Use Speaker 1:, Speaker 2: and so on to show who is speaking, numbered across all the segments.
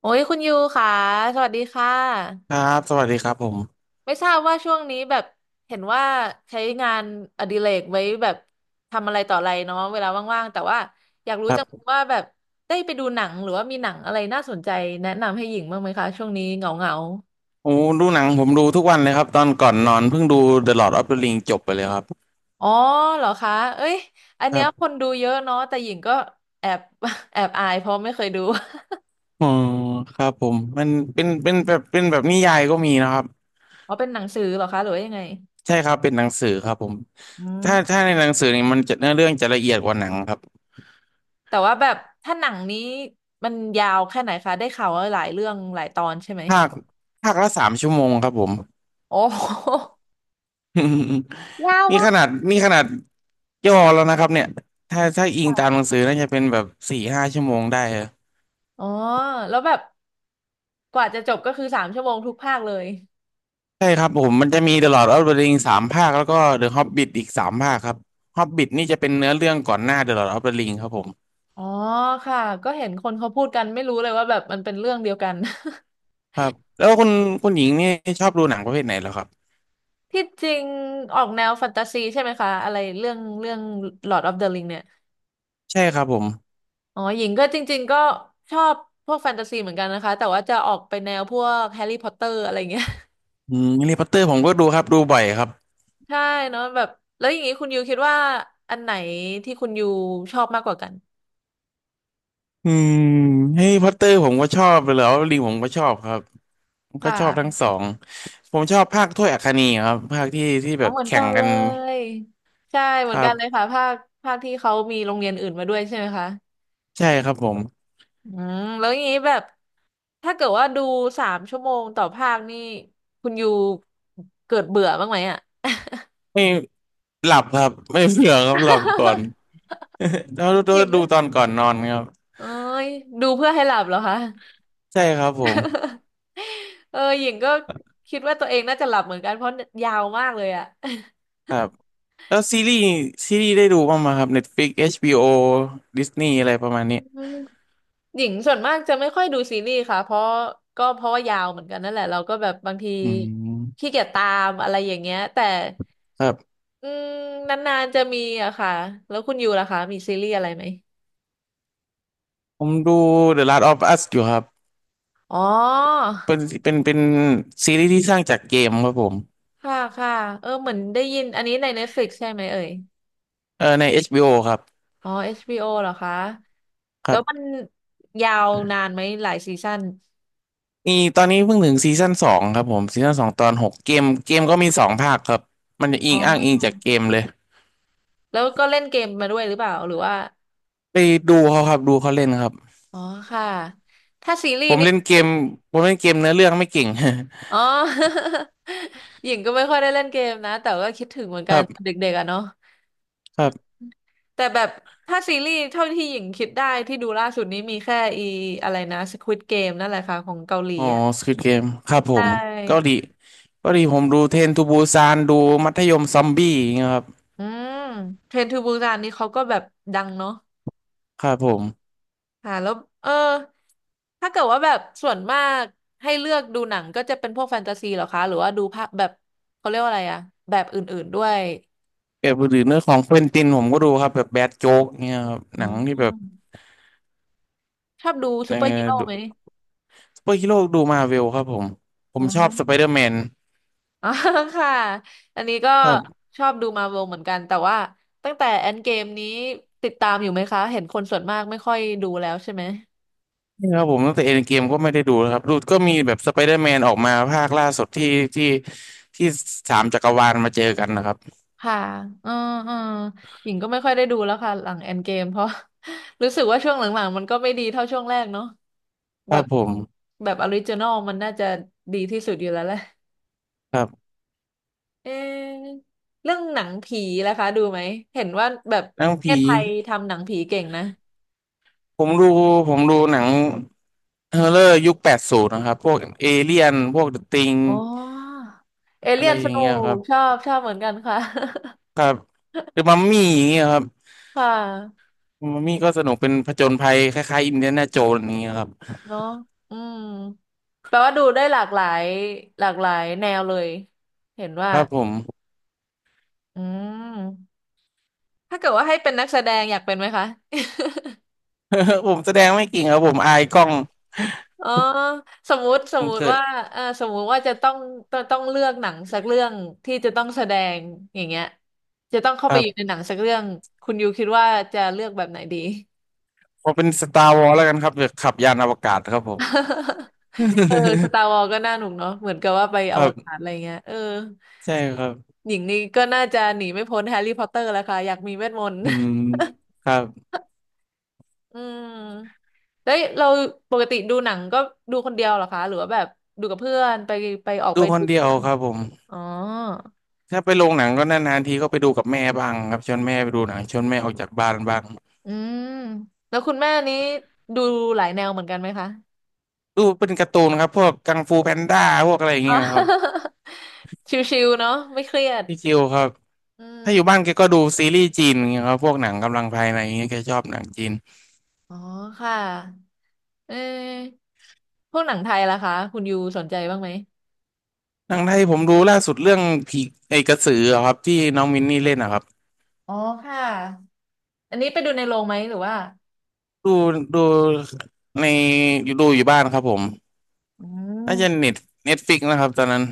Speaker 1: โอ้ยคุณยูค่ะสวัสดีค่ะ
Speaker 2: ครับสวัสดีครับผม
Speaker 1: ไม่ทราบว่าช่วงนี้แบบเห็นว่าใช้งานอดิเรกไว้แบบทำอะไรต่ออะไรเนาะเวลาว่างๆแต่ว่าอยากรู้
Speaker 2: ครั
Speaker 1: จัง
Speaker 2: บ
Speaker 1: ว่าแบบได้ไปดูหนังหรือว่ามีหนังอะไรน่าสนใจแนะนำให้หญิงบ้างไหมคะช่วงนี้เหงา
Speaker 2: โอ้ดูหนังผมดูทุกวันเลยครับตอนก่อนนอนเพิ่งดู The Lord of the Ring จบไปเลยครับ
Speaker 1: ๆอ๋อเหรอคะเอ้ยอัน
Speaker 2: ครั
Speaker 1: เนี้ยคน
Speaker 2: บ
Speaker 1: ดูเยอะเนาะแต่หญิงก็แอบ แอบอายเพราะไม่เคยดู
Speaker 2: อ๋อครับผมมันเป็น เป็นแบบนิยายก็มีนะครับ
Speaker 1: อ๋อเป็นหนังสือเหรอคะหรือว่ายังไง
Speaker 2: ใช่ครับเป็นหนังสือครับผม
Speaker 1: อื
Speaker 2: ถ้า
Speaker 1: ม
Speaker 2: ถ้าในหนังสือนี่มันจะเนื้อเรื่องจะละเอียดกว่าหนังครับ
Speaker 1: แต่ว่าแบบถ้าหนังนี้มันยาวแค่ไหนคะได้ข่าวว่าหลายเรื่องหลายตอนใช่ไหม
Speaker 2: ภาคภาคละ3 ชั่วโมงครับผม
Speaker 1: โอ้โหยาว
Speaker 2: นี่
Speaker 1: มา
Speaker 2: ข
Speaker 1: ก
Speaker 2: นาด นี่ขนาดย่อแล้วนะครับเนี่ยถ้าอิงตาม
Speaker 1: ค่
Speaker 2: หนังสือน่าจะเป็นแบบ4-5 ชั่วโมงได้
Speaker 1: อ๋อแล้วแบบกว่าจะจบก็คือสามชั่วโมงทุกภาคเลย
Speaker 2: ใช่ครับผมมันจะมี The Lord of the Rings สามภาคแล้วก็ The Hobbit อีกสามภาคครับ Hobbit นี่จะเป็นเนื้อเรื่องก่อนหน้า The Lord of the Rings ครับผม
Speaker 1: อ๋อค่ะก็เห็นคนเขาพูดกันไม่รู้เลยว่าแบบมันเป็นเรื่องเดียวกัน
Speaker 2: ครับแล้วคุณหญิงนี่ชอบดูหนังประเภทไหนเหรอครับ
Speaker 1: ที่จริงออกแนวแฟนตาซีใช่ไหมคะอะไรเรื่องเรื่อง Lord of the Ring เนี่ย
Speaker 2: ใช่ครับผม
Speaker 1: อ๋อหญิงก็จริงๆก็ชอบพวกแฟนตาซีเหมือนกันนะคะแต่ว่าจะออกไปแนวพวกแฮร์รี่พอตเตอร์อะไรเงี้ย
Speaker 2: อืมแฮร์รี่พอตเตอร์ผมก็ดูครับดูบ่อยครับ
Speaker 1: ใช่เนาะแบบแล้วอย่างนี้คุณยูคิดว่าอันไหนที่คุณยูชอบมากกว่ากัน
Speaker 2: อืมแฮร์รี่พอตเตอร์ผมก็ชอบเลยแล้วลิงผมก็ชอบครับผม
Speaker 1: ค
Speaker 2: ก็ชอบทั้ง
Speaker 1: ่ะ
Speaker 2: สองผมชอบภาคถ้วยอัคนีครับภาคที่
Speaker 1: อ๋
Speaker 2: แบ
Speaker 1: อ
Speaker 2: บ
Speaker 1: เหมือน
Speaker 2: แข่
Speaker 1: กั
Speaker 2: ง
Speaker 1: น
Speaker 2: กั
Speaker 1: เล
Speaker 2: น
Speaker 1: ยใช่เห
Speaker 2: ค
Speaker 1: มือน
Speaker 2: รั
Speaker 1: กันเลย
Speaker 2: บ
Speaker 1: ค่ะภาคภาคที่เขามีโรงเรียนอื่นมาด้วยใช่ไหมคะ
Speaker 2: ใช่ครับผม
Speaker 1: อืมแล้วอย่างนี้แบบถ้าเกิดว่าดูสามชั่วโมงต่อภาคนี่คุณยูเกิดเบื่อบ้างไหมอ่ะ
Speaker 2: ไม่หลับครับไม่เผื่อครับหลับก่อน แล้วดู
Speaker 1: หญิง
Speaker 2: ดู
Speaker 1: ก็
Speaker 2: ตอนก่อนนอนครับ
Speaker 1: เอ้ยดูเพื่อให้หลับเหรอคะ
Speaker 2: ใช่ครับผม
Speaker 1: เออหญิงก็คิดว่าตัวเองน่าจะหลับเหมือนกันเพราะยาวมากเลยอ่ะ
Speaker 2: ครับแล้วซีรีส์ได้ดูบ้างไหมครับ Netflix HBO Disney อะไรประมาณนี้
Speaker 1: อืม หญิงส่วนมากจะไม่ค่อยดูซีรีส์ค่ะเพราะก็เพราะว่ายาวเหมือนกันนั่นแหละเราก็แบบบางที
Speaker 2: อืม
Speaker 1: ขี้เกียจตามอะไรอย่างเงี้ยแต่
Speaker 2: ครับ
Speaker 1: อืมนานๆจะมีอะค่ะแล้วคุณยูล่ะคะมีซีรีส์อะไรไหม
Speaker 2: ผมดู The Last of Us อยู่ครับ
Speaker 1: อ๋อ
Speaker 2: เป็นซีรีส์ที่สร้างจากเกมครับผม
Speaker 1: ค่ะค่ะเออเหมือนได้ยินอันนี้ใน Netflix ใช่ไหมเอ่ย
Speaker 2: เออใน HBO ครับ
Speaker 1: อ๋อ HBO เหรอคะ
Speaker 2: ค
Speaker 1: แล้
Speaker 2: รั
Speaker 1: วมัน
Speaker 2: บ
Speaker 1: ยาวนานไหมหลายซีซั่น
Speaker 2: มีตอนนี้เพิ่งถึงซีซั่นสองครับผมซีซั่น 2 ตอน 6เกมก็มีสองภาคครับมันจะอิ
Speaker 1: อ๋
Speaker 2: ง
Speaker 1: อ
Speaker 2: อ้างอิงจากเกมเลย
Speaker 1: แล้วก็เล่นเกมมาด้วยหรือเปล่าหรือว่า
Speaker 2: ไปดูเขาครับดูเขาเล่นครับ
Speaker 1: อ๋อค่ะถ้าซีรี
Speaker 2: ผ
Speaker 1: ส์
Speaker 2: ม
Speaker 1: นี่
Speaker 2: เล่นเกมผมเล่นเกมเนื้อเรื่องไม่เก่ง
Speaker 1: อ๋อ หญิงก็ไม่ค่อยได้เล่นเกมนะ แต่ก็คิดถึงเหมือน
Speaker 2: ค
Speaker 1: กั
Speaker 2: รั
Speaker 1: น
Speaker 2: บ
Speaker 1: เด็กๆอะเนาะ
Speaker 2: ค
Speaker 1: อื
Speaker 2: รั
Speaker 1: ม
Speaker 2: บ
Speaker 1: แต่แบบถ้าซีรีส์เท่าที่หญิงคิดได้ที่ดูล่าสุดนี้มีแค่อีอะไรนะ Squid Game นั่นแหละค่ะของเกาหลี
Speaker 2: อ๋อ
Speaker 1: อ่ะ
Speaker 2: สควิดเกมครับผ
Speaker 1: ใช
Speaker 2: มก็
Speaker 1: ่
Speaker 2: ดีก็ดีผมดูเทรนทูบูซานดูมัธยมซอมบี้อย่างเงี้ยครับ
Speaker 1: อืมเทรนทูบูซานนี่เขาก็แบบดังเนาะ
Speaker 2: ครับผม
Speaker 1: ค่ะแล้วเออถ้าเกิดว่าแบบส่วนมากให้เลือกดูหนังก็จะเป็นพวกแฟนตาซีเหรอคะหรือว่าดูภาพแบบเขาเรียกว่าอะไรอะแบบอื่นๆด้วย
Speaker 2: แบบหรือเนื้อของเควินตินผมก็ดูครับแบบแบดโจ๊กเงี้ยครับ
Speaker 1: อื
Speaker 2: หนังที่แบบ
Speaker 1: มชอบดู
Speaker 2: เอ
Speaker 1: ซู
Speaker 2: อ
Speaker 1: เปอร์ฮีโร่
Speaker 2: ดู
Speaker 1: ไหม
Speaker 2: ซูเปอร์ฮีโร่ดูมาเวลครับผมผ
Speaker 1: อื
Speaker 2: มช
Speaker 1: ม
Speaker 2: อบสไปเดอร์ แมน
Speaker 1: อ๋อ ค่ะอันนี้ก็
Speaker 2: ครับ
Speaker 1: ชอบดูมาร์วเหมือนกันแต่ว่าตั้งแต่แอนเกมนี้ติดตามอยู่ไหมคะเห็นคนส่วนมากไม่ค่อยดูแล้วใช่ไหม
Speaker 2: นี่ครับผมตั้งแต่เอ็นเกมก็ไม่ได้ดูนะครับดูก็มีแบบสไปเดอร์แมนออกมาภาคล่าสุดที่ที่สามจักรวาลมาเจอกันนะครับ
Speaker 1: ค่ะอืออือหญิงก็ไม่ค่อยได้ดูแล้วค่ะหลังแอนเกมเพราะ รู้สึกว่าช่วงหลังๆมันก็ไม่ดีเท่าช่วงแรกเนาะ
Speaker 2: ค
Speaker 1: แบ
Speaker 2: รับ
Speaker 1: บ
Speaker 2: ผม
Speaker 1: แบบออริจินอลมันน่าจะดีที่สุดอยู่แล้วแหละ
Speaker 2: ครับ
Speaker 1: เอะเรื่องหนังผีนะคะดูไหมเห็นว่าแบบ
Speaker 2: หนัง
Speaker 1: ประเท
Speaker 2: ผี
Speaker 1: ศไทยทำหนังผีเก่งนะ
Speaker 2: ผมดูผมดูหนัง เฮอร์เรอร์ยุค 80นะครับพวกเอเลี่ยนพวกเดอะติง
Speaker 1: อ๋อเอ
Speaker 2: อะ
Speaker 1: เลี่
Speaker 2: ไร
Speaker 1: ยน
Speaker 2: อ
Speaker 1: ส
Speaker 2: ย่าง
Speaker 1: นุ
Speaker 2: เงี้ยค
Speaker 1: ก
Speaker 2: รับ
Speaker 1: ชอบชอบเหมือนกันค่ะ
Speaker 2: ครับหรือมัมมี่อย่างเงี้ยครับ
Speaker 1: ค่ะ
Speaker 2: มัมมี่ก็สนุกเป็นผจญภัยคล้ายๆอินเดียนาโจนส์อย่างเงี้ยครับ
Speaker 1: เนาะอืมแปลว่าดูได้หลากหลายหลากหลายแนวเลยเห็นว่า
Speaker 2: ครับผม
Speaker 1: อืมถ้าเกิดว่าให้เป็นนักแสดงอยากเป็นไหมคะ
Speaker 2: ผมแสดงไม่เก่งครับผมอายกล้อง
Speaker 1: อ๋อสมมุติส
Speaker 2: ผ
Speaker 1: ม
Speaker 2: ม
Speaker 1: มุ
Speaker 2: เกิ
Speaker 1: ติ
Speaker 2: ด
Speaker 1: ว่าเออสมมุติว่าจะต้องต้องต้องเลือกหนังสักเรื่องที่จะต้องแสดงอย่างเงี้ยจะต้องเข้า
Speaker 2: ค
Speaker 1: ไป
Speaker 2: รั
Speaker 1: อยู่ใน
Speaker 2: บ
Speaker 1: หนังสักเรื่องคุณยูคิดว่าจะเลือกแบบไหนดี
Speaker 2: พอเป็นสตาร์วอลแล้วกันครับเดี๋ยวขับยานอวกาศครับผม
Speaker 1: เออส ตาร์วอลก็น่าหนุกเนาะเหมือนกับว่าไปอ
Speaker 2: ครั
Speaker 1: วกาศ
Speaker 2: บ
Speaker 1: อะไรเงี้ยเออ
Speaker 2: ใช่ครับ
Speaker 1: หญิงนี่ก็น่าจะหนีไม่พ้นแฮร์รี่พอตเตอร์แล้วค่ะอยากมีเวทมนต์
Speaker 2: อืมครับ
Speaker 1: อืมแล้วเราปกติดูหนังก็ดูคนเดียวเหรอคะหรือว่าแบบดูกับเพื่อนไปไปออก
Speaker 2: ดู
Speaker 1: ไป
Speaker 2: ค
Speaker 1: ดู
Speaker 2: น
Speaker 1: กั
Speaker 2: เดี
Speaker 1: บ
Speaker 2: ยว
Speaker 1: เพื่อน
Speaker 2: ครับผม
Speaker 1: อ๋อ
Speaker 2: ถ้าไปโรงหนังก็นานๆทีก็ไปดูกับแม่บ้างครับชวนแม่ไปดูหนังชวนแม่ออกจากบ้านบ้าง
Speaker 1: อืมแล้วคุณแม่นี้ดูหลายแนวเหมือนกันไหมคะ
Speaker 2: ดูเป็นการ์ตูนครับพวกกังฟูแพนด้าพวกอะไรอย่าง
Speaker 1: อ๋
Speaker 2: เงี้
Speaker 1: อ
Speaker 2: ยครับ
Speaker 1: ชิวๆเนาะไม่เครียด
Speaker 2: พี่คิวครับ
Speaker 1: อื
Speaker 2: ถ้าอยู่
Speaker 1: ม
Speaker 2: บ้านแกก็ดูซีรีส์จีนอย่างเงี้ยครับพวกหนังกำลังภายในอย่างเงี้ยแกชอบหนังจีน
Speaker 1: อ๋อค่ะ เออพวกหนังไทยล่ะคะคุณยูสนใจบ้างไหม
Speaker 2: หนังไทยผมดูล่าสุดเรื่องผีไอ้กระสืออะครับที่น้องมินนี่เล่นนะครับ
Speaker 1: อ๋อค่ะอันนี้ไปดูในโรงไหมหรือว่า
Speaker 2: ดูดูในดูอยู่บ้านครับผม
Speaker 1: อื
Speaker 2: น่าจะ
Speaker 1: ม
Speaker 2: เน็ตเน็ตฟิกนะครับตอนนั้น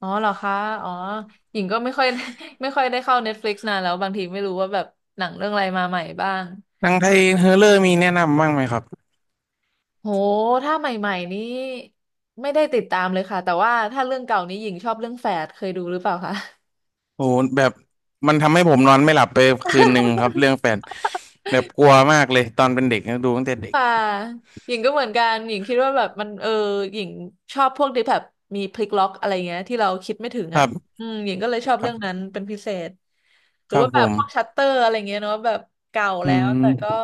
Speaker 1: อ๋อเหรอคะอ๋อหญิงก็ไม่ค่อย ไม่ค่อยได้เข้า Netflix นานแล้วบางทีไม่รู้ว่าแบบหนังเรื่องอะไรมาใหม่บ้าง
Speaker 2: หนังไทยเฮอร์เรอร์มีแนะนำบ้างไหมครับ
Speaker 1: โหถ้าใหม่ๆนี้ไม่ได้ติดตามเลยค่ะแต่ว่าถ้าเรื่องเก่านี้หญิงชอบเรื่องแฝดเคยดูหรือเปล่าคะ
Speaker 2: โอ้โหแบบมันทำให้ผมนอนไม่หลับไปคืนหนึ่งครับเรื่องแปดแบบกลัวมากเลยตอนเป็นเด็กนะดูตั้งแต่เด็ก
Speaker 1: ค่ะหญิงก็เหมือนกันหญิงคิดว่าแบบมันหญิงชอบพวกที่แบบมีพลิกล็อกอะไรเงี้ยที่เราคิดไม่ถึง
Speaker 2: ครั
Speaker 1: อ่ะ
Speaker 2: บ
Speaker 1: อืมหญิงก็เลยชอบ
Speaker 2: ครั
Speaker 1: เรื่องนั้
Speaker 2: บ
Speaker 1: นเป็นพิเศษ ห
Speaker 2: ค
Speaker 1: รือ
Speaker 2: รับ
Speaker 1: ว่า
Speaker 2: ผ
Speaker 1: แบบ
Speaker 2: ม
Speaker 1: พวกชัตเตอร์อะไรเงี้ยเนาะแบบเก่า
Speaker 2: อื
Speaker 1: แล้วแต่ก็
Speaker 2: ม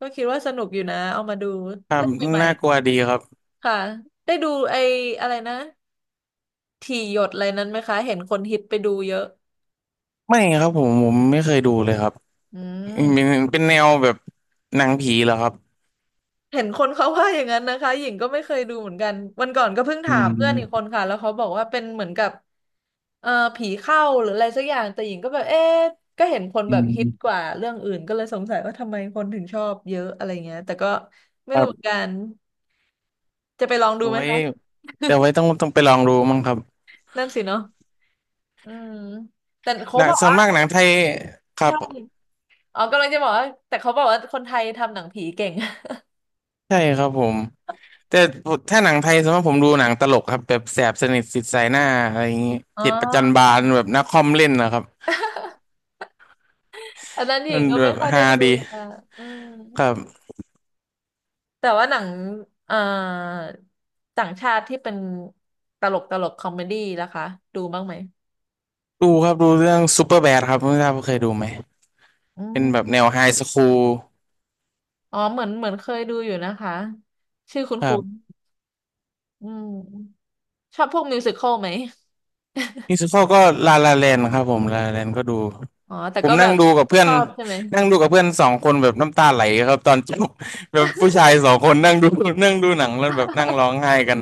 Speaker 1: คิดว่าสนุกอยู่นะเอามาดู
Speaker 2: ครับ
Speaker 1: เรื่องใหม่
Speaker 2: น่ากลัวดีครับ
Speaker 1: ๆค่ะได้ดูไอ้อะไรนะถี่หยดอะไรนั้นไหมคะเห็นคนฮิตไปดูเยอะ
Speaker 2: ไม่ครับผมไม่เคยดูเลยครับ
Speaker 1: อื
Speaker 2: เป็น
Speaker 1: ม
Speaker 2: เป็นแนวแบบหนังผีเหรอครับ
Speaker 1: เห็นคนเขาว่าอย่างนั้นนะคะหญิงก็ไม่เคยดูเหมือนกัน วันก่อนก็เพิ่ง
Speaker 2: อื
Speaker 1: ถามเพื่อนอีกค
Speaker 2: ม
Speaker 1: นค่ะ แล้วเขาบอกว่าเป็นเหมือนกับเอ่อผีเข้าหรืออะไรสักอย่าง แต่หญิงก็แบบเอ๊ะก็เห็นคน
Speaker 2: อื
Speaker 1: แบบฮิตก
Speaker 2: ม
Speaker 1: ว่าเรื่องอื่นก็เลยสงสัยว่าทำไมคนถึงชอบเยอะอะไรเงี้ยแต่ก็ไม่
Speaker 2: ครั
Speaker 1: รู้เหมือ
Speaker 2: บ
Speaker 1: นกัน จะไปลองดู
Speaker 2: เอา
Speaker 1: ไหม
Speaker 2: ไว้
Speaker 1: คะ
Speaker 2: เดี๋ยวไว้ต้องไปลองดูมั้งครับ
Speaker 1: นั่นสิเนาะอืมแต่เขา
Speaker 2: หนั
Speaker 1: บ
Speaker 2: ง
Speaker 1: อก
Speaker 2: ส่วน
Speaker 1: ว่า
Speaker 2: มากหนังไทยครับ
Speaker 1: ใช่อ๋อกำลังจะบอกว่าแต่เขาบอกว่าคนไทยทำหนังผีเก่ง
Speaker 2: ใช่ครับผมแต่ถ้าหนังไทยส่วนมากผมดูหนังตลกครับแบบแสบสนิทสิทธิ์สายหน้าอะไรอย่างงี้
Speaker 1: อ๋อ
Speaker 2: เจ็ดประจันบานแบบนักคอมเล่นนะครับ
Speaker 1: อันนั้นหญิ
Speaker 2: มั
Speaker 1: ง
Speaker 2: น
Speaker 1: ก็
Speaker 2: แบ
Speaker 1: ไม่
Speaker 2: บ
Speaker 1: ค่อยได้
Speaker 2: ฮา
Speaker 1: ดู
Speaker 2: ดี
Speaker 1: ค่ะอืม
Speaker 2: ครับ
Speaker 1: แต่ว่าหนังเอ่อต่างชาติที่เป็นตลกคอมเมดี้ล่ะคะดูบ้างไหม
Speaker 2: ดูครับดูเรื่องซูเปอร์แบดครับไม่ทราบว่าเคยดูไหม
Speaker 1: อื
Speaker 2: เป็นแบบ
Speaker 1: ม
Speaker 2: แนวไฮสคูล
Speaker 1: อ๋อเหมือนเคยดูอยู่นะคะชื่อ
Speaker 2: ครั
Speaker 1: คุณ
Speaker 2: บ
Speaker 1: อืมชอบพวกมิวสิคอลไหม
Speaker 2: มิวสิคก็ลาลาแลนครับผมลาลาแลนก็ดู
Speaker 1: อ๋อแต่
Speaker 2: ผม
Speaker 1: ก็แบ
Speaker 2: นั่ง
Speaker 1: บ
Speaker 2: ดูกับเพื่อ
Speaker 1: ช
Speaker 2: น
Speaker 1: อบใช่ไหม
Speaker 2: นั่งดูกับเพื่อนสองคนแบบน้ำตาไหลครับตอนจบแบบผู้ชายสองคนนั่งดูนั่งดูหนังแล้วแบบนั่งร้องไห้กัน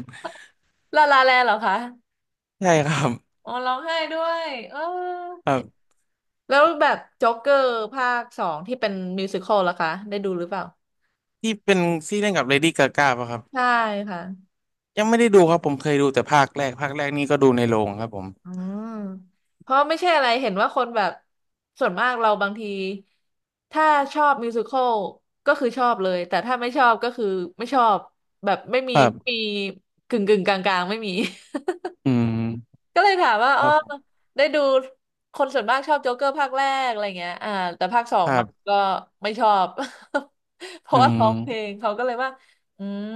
Speaker 1: ลาลาแลนด์เหรอคะ
Speaker 2: ใช่ครับ
Speaker 1: อ๋อร้องไห้ด้วยเออ
Speaker 2: ครับ
Speaker 1: แล้วแบบจ็อกเกอร์ภาคสองที่เป็นมิวสิคอลล่ะคะได้ดูหรือเปล่า
Speaker 2: ที่เป็นที่เล่นกับเลดี้กาก้าป่ะครับ
Speaker 1: ใช่ค่ะ
Speaker 2: ยังไม่ได้ดูครับผมเคยดูแต่ภาคแรกภาคแรกนี่ก็ดูในโรงครับผม
Speaker 1: อืมเพราะไม่ใช่อะไรเห็นว่าคนแบบส่วนมากเราบางทีถ้าชอบมิวสิควลก็คือชอบเลยแต่ถ้าไม่ชอบก็คือไม่ชอบแบบไม่มี
Speaker 2: ครั
Speaker 1: มี
Speaker 2: บ
Speaker 1: กึ่งกึ่งกลางกลางๆไม่มี
Speaker 2: อืม
Speaker 1: ก็เลยถามว่า
Speaker 2: ค
Speaker 1: อ๋อ
Speaker 2: รับผม
Speaker 1: ได้ดูคนส่วนมากชอบโจ๊กเกอร์ภาคแรกอะไรเงี้ยอ่าแต่ภาคสอ
Speaker 2: ค
Speaker 1: ง
Speaker 2: รั
Speaker 1: มัน
Speaker 2: บ
Speaker 1: ก็ไม่ชอบ เพ
Speaker 2: อื
Speaker 1: ราะว่าร้องเพล
Speaker 2: ม
Speaker 1: งเขาก็เลยว่าอืม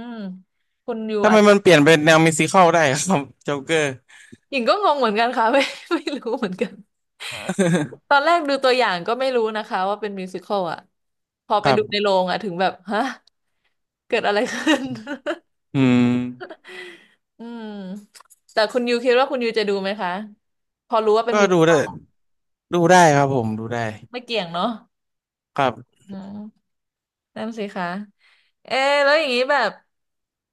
Speaker 1: คุณยู
Speaker 2: ทำไม
Speaker 1: อาจ
Speaker 2: มันเปลี่ยนเป็นแนวมิวสิคัลได้ครับโจ๊กเกอร์
Speaker 1: หญิงก็งงเหมือนกันค่ะ ไม่ไม่รู้เหมือนกัน ตอ นแรกดูตัวอย่างก็ไม่รู้นะคะว่าเป็นมิวสิคอลอ่ะพอ
Speaker 2: ค
Speaker 1: ไป
Speaker 2: รั
Speaker 1: ดูใน
Speaker 2: บ
Speaker 1: โรงอ่ะถึงแบบฮะเกิดอะไรขึ้น
Speaker 2: อืม
Speaker 1: อืมแต่คุณยูคิดว่าคุณยูจะดูไหมคะพอรู้ว่าเป็น
Speaker 2: ก็
Speaker 1: มิว
Speaker 2: ดู
Speaker 1: สิค
Speaker 2: ได้
Speaker 1: อล
Speaker 2: ดูได้ครับผมดูได้
Speaker 1: ไม่เกี่ยงเนาะ
Speaker 2: ครับ
Speaker 1: อืมนั่นสิคะเอะแล้วอย่างนี้แบบ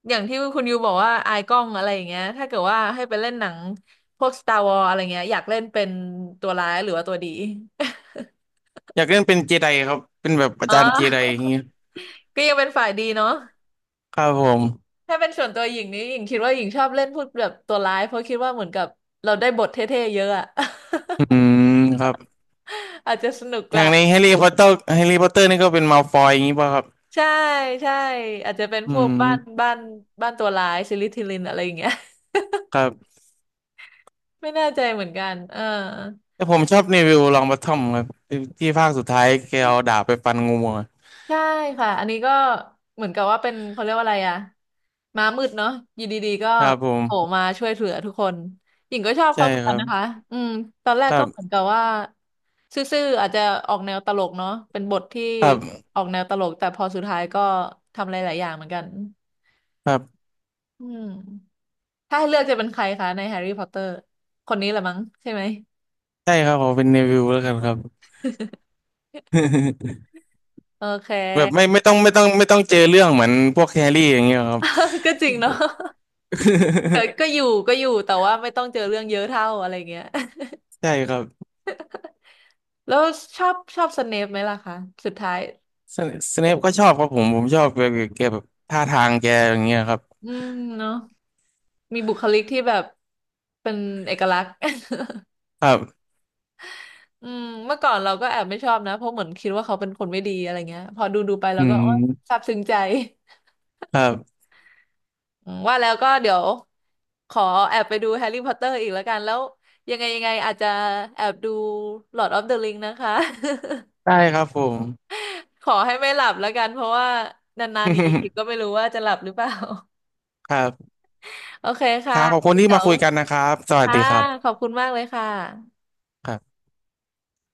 Speaker 1: อย่างที่คุณยูบอกว่าอายกล้องอะไรอย่างเงี้ยถ้าเกิดว่าให้ไปเล่นหนังพวก Star Wars อะไรเงี้ยอยากเล่นเป็นตัวร้ายหรือว่าตัวดี
Speaker 2: อยากเล่นเป็นเจไดครับเป็นแบบ อา
Speaker 1: อ๋อ
Speaker 2: จารย์เจไดอย่างเงี้ย
Speaker 1: ก็ยังเป็นฝ่ายดีเนาะ
Speaker 2: ครับผม
Speaker 1: ถ้าเป็นส่วนตัวหญิงนี้หญิงคิดว่าหญิงชอบเล่นพูดแบบตัวร้ายเพราะคิดว่าเหมือนกับเราได้บทเท่ๆเยอะอะ
Speaker 2: อืมครับ
Speaker 1: อาจจะสนุก
Speaker 2: อ
Speaker 1: ก
Speaker 2: ย่า
Speaker 1: ว่า
Speaker 2: งในแฮร์รี่พอตเตอร์แฮร์รี่พอตเตอร์นี่ก็เป็นมัลฟอยอย่างงี้ป่ะครับ
Speaker 1: ใช่ใช่อาจจะเป็น
Speaker 2: อื
Speaker 1: พวกบ้าน
Speaker 2: ม
Speaker 1: บ้านตัวร้ายซิลิทิลินอะไรอย่างเงี้ย
Speaker 2: ครับ
Speaker 1: ไม่แน่ใจเหมือนกันเออ
Speaker 2: แต่ผมชอบเนวิลลองบอททอมครับที่ภาคสุดท้ายแกเอาดาบไปฟันงูอะ
Speaker 1: ใช่ค่ะอันนี้ก็เหมือนกับว่าเป็นเขาเรียกว่าอะไรอะม้ามืดเนาะอยู่ดีๆก็
Speaker 2: ครับผม
Speaker 1: โผล่มาช่วยเหลือทุกคนหญิงก็ชอบ
Speaker 2: ใช่
Speaker 1: เขาเหมือน
Speaker 2: ค
Speaker 1: กัน
Speaker 2: รับ
Speaker 1: นะคะอืมตอนแร
Speaker 2: ค
Speaker 1: ก
Speaker 2: รั
Speaker 1: ก็เหมือน
Speaker 2: บ
Speaker 1: กับว่าซื่อๆอาจจะออกแนวตลกเนาะเป็นบทที่
Speaker 2: ครับ
Speaker 1: ออกแนวตลกแต่พอสุดท้ายก็ทำหลายๆอย่างเหมือนกัน
Speaker 2: ครับ
Speaker 1: อืมถ้าให้เลือกจะเป็นใครคะในแฮร์รี่พอตเตอร์คนนี้แหละมั้งใช่ไหม
Speaker 2: ใช่ครับผมเป็นเนวิลแล้วกันครับ
Speaker 1: โอเค
Speaker 2: แบบไม่ไม่ต้องไม่ต้องไม่ต้องเจอเรื่องเหมือนพวกแฮร์รี่อย่างเงี้ยครับ
Speaker 1: ก็จริงเนาะ ก็ก็อยู่แต่ว่าไม่ต้องเจอเรื่องเยอะเท่าอะไรเงี้ย
Speaker 2: ใช่ครับ
Speaker 1: แล้วชอบสเนปไหมล่ะคะสุดท้าย
Speaker 2: สเนปก็ชอบครับผมผมชอบแกแกแบบท่าทางแกอย่างเงี้ยครับ
Speaker 1: อืมเนาะมีบุคลิกที่แบบเป็นเอกลักษณ์
Speaker 2: ครับ
Speaker 1: อืมเมื่อก่อนเราก็แอบไม่ชอบนะเพราะเหมือนคิดว่าเขาเป็นคนไม่ดีอะไรเงี้ยพอดูไป
Speaker 2: อื
Speaker 1: เราก็โอ๊ย
Speaker 2: ม
Speaker 1: ซาบซึ้งใจ
Speaker 2: ครับ
Speaker 1: อืมว่าแล้วก็เดี๋ยวขอแอบไปดูแฮร์รี่พอตเตอร์อีกแล้วกันแล้วยังไงอาจจะแอบดูลอร์ดออฟเดอะริงนะคะ
Speaker 2: ได้ครับผม
Speaker 1: ขอให้ไม่หลับแล้วกันเพราะว่านานๆนี้อีกก็ไม่ รู้ว่าจะหลับหรือเปล่า
Speaker 2: ครับ
Speaker 1: โอเค
Speaker 2: ค
Speaker 1: ค่ะ
Speaker 2: รับขอบคุณที่
Speaker 1: เดี๋ย
Speaker 2: มา
Speaker 1: ว
Speaker 2: คุยกันนะครับสวัส
Speaker 1: ค่ะ
Speaker 2: ดีครั
Speaker 1: ขอบ
Speaker 2: บ
Speaker 1: คุณมากเลยค่ะ
Speaker 2: ครับ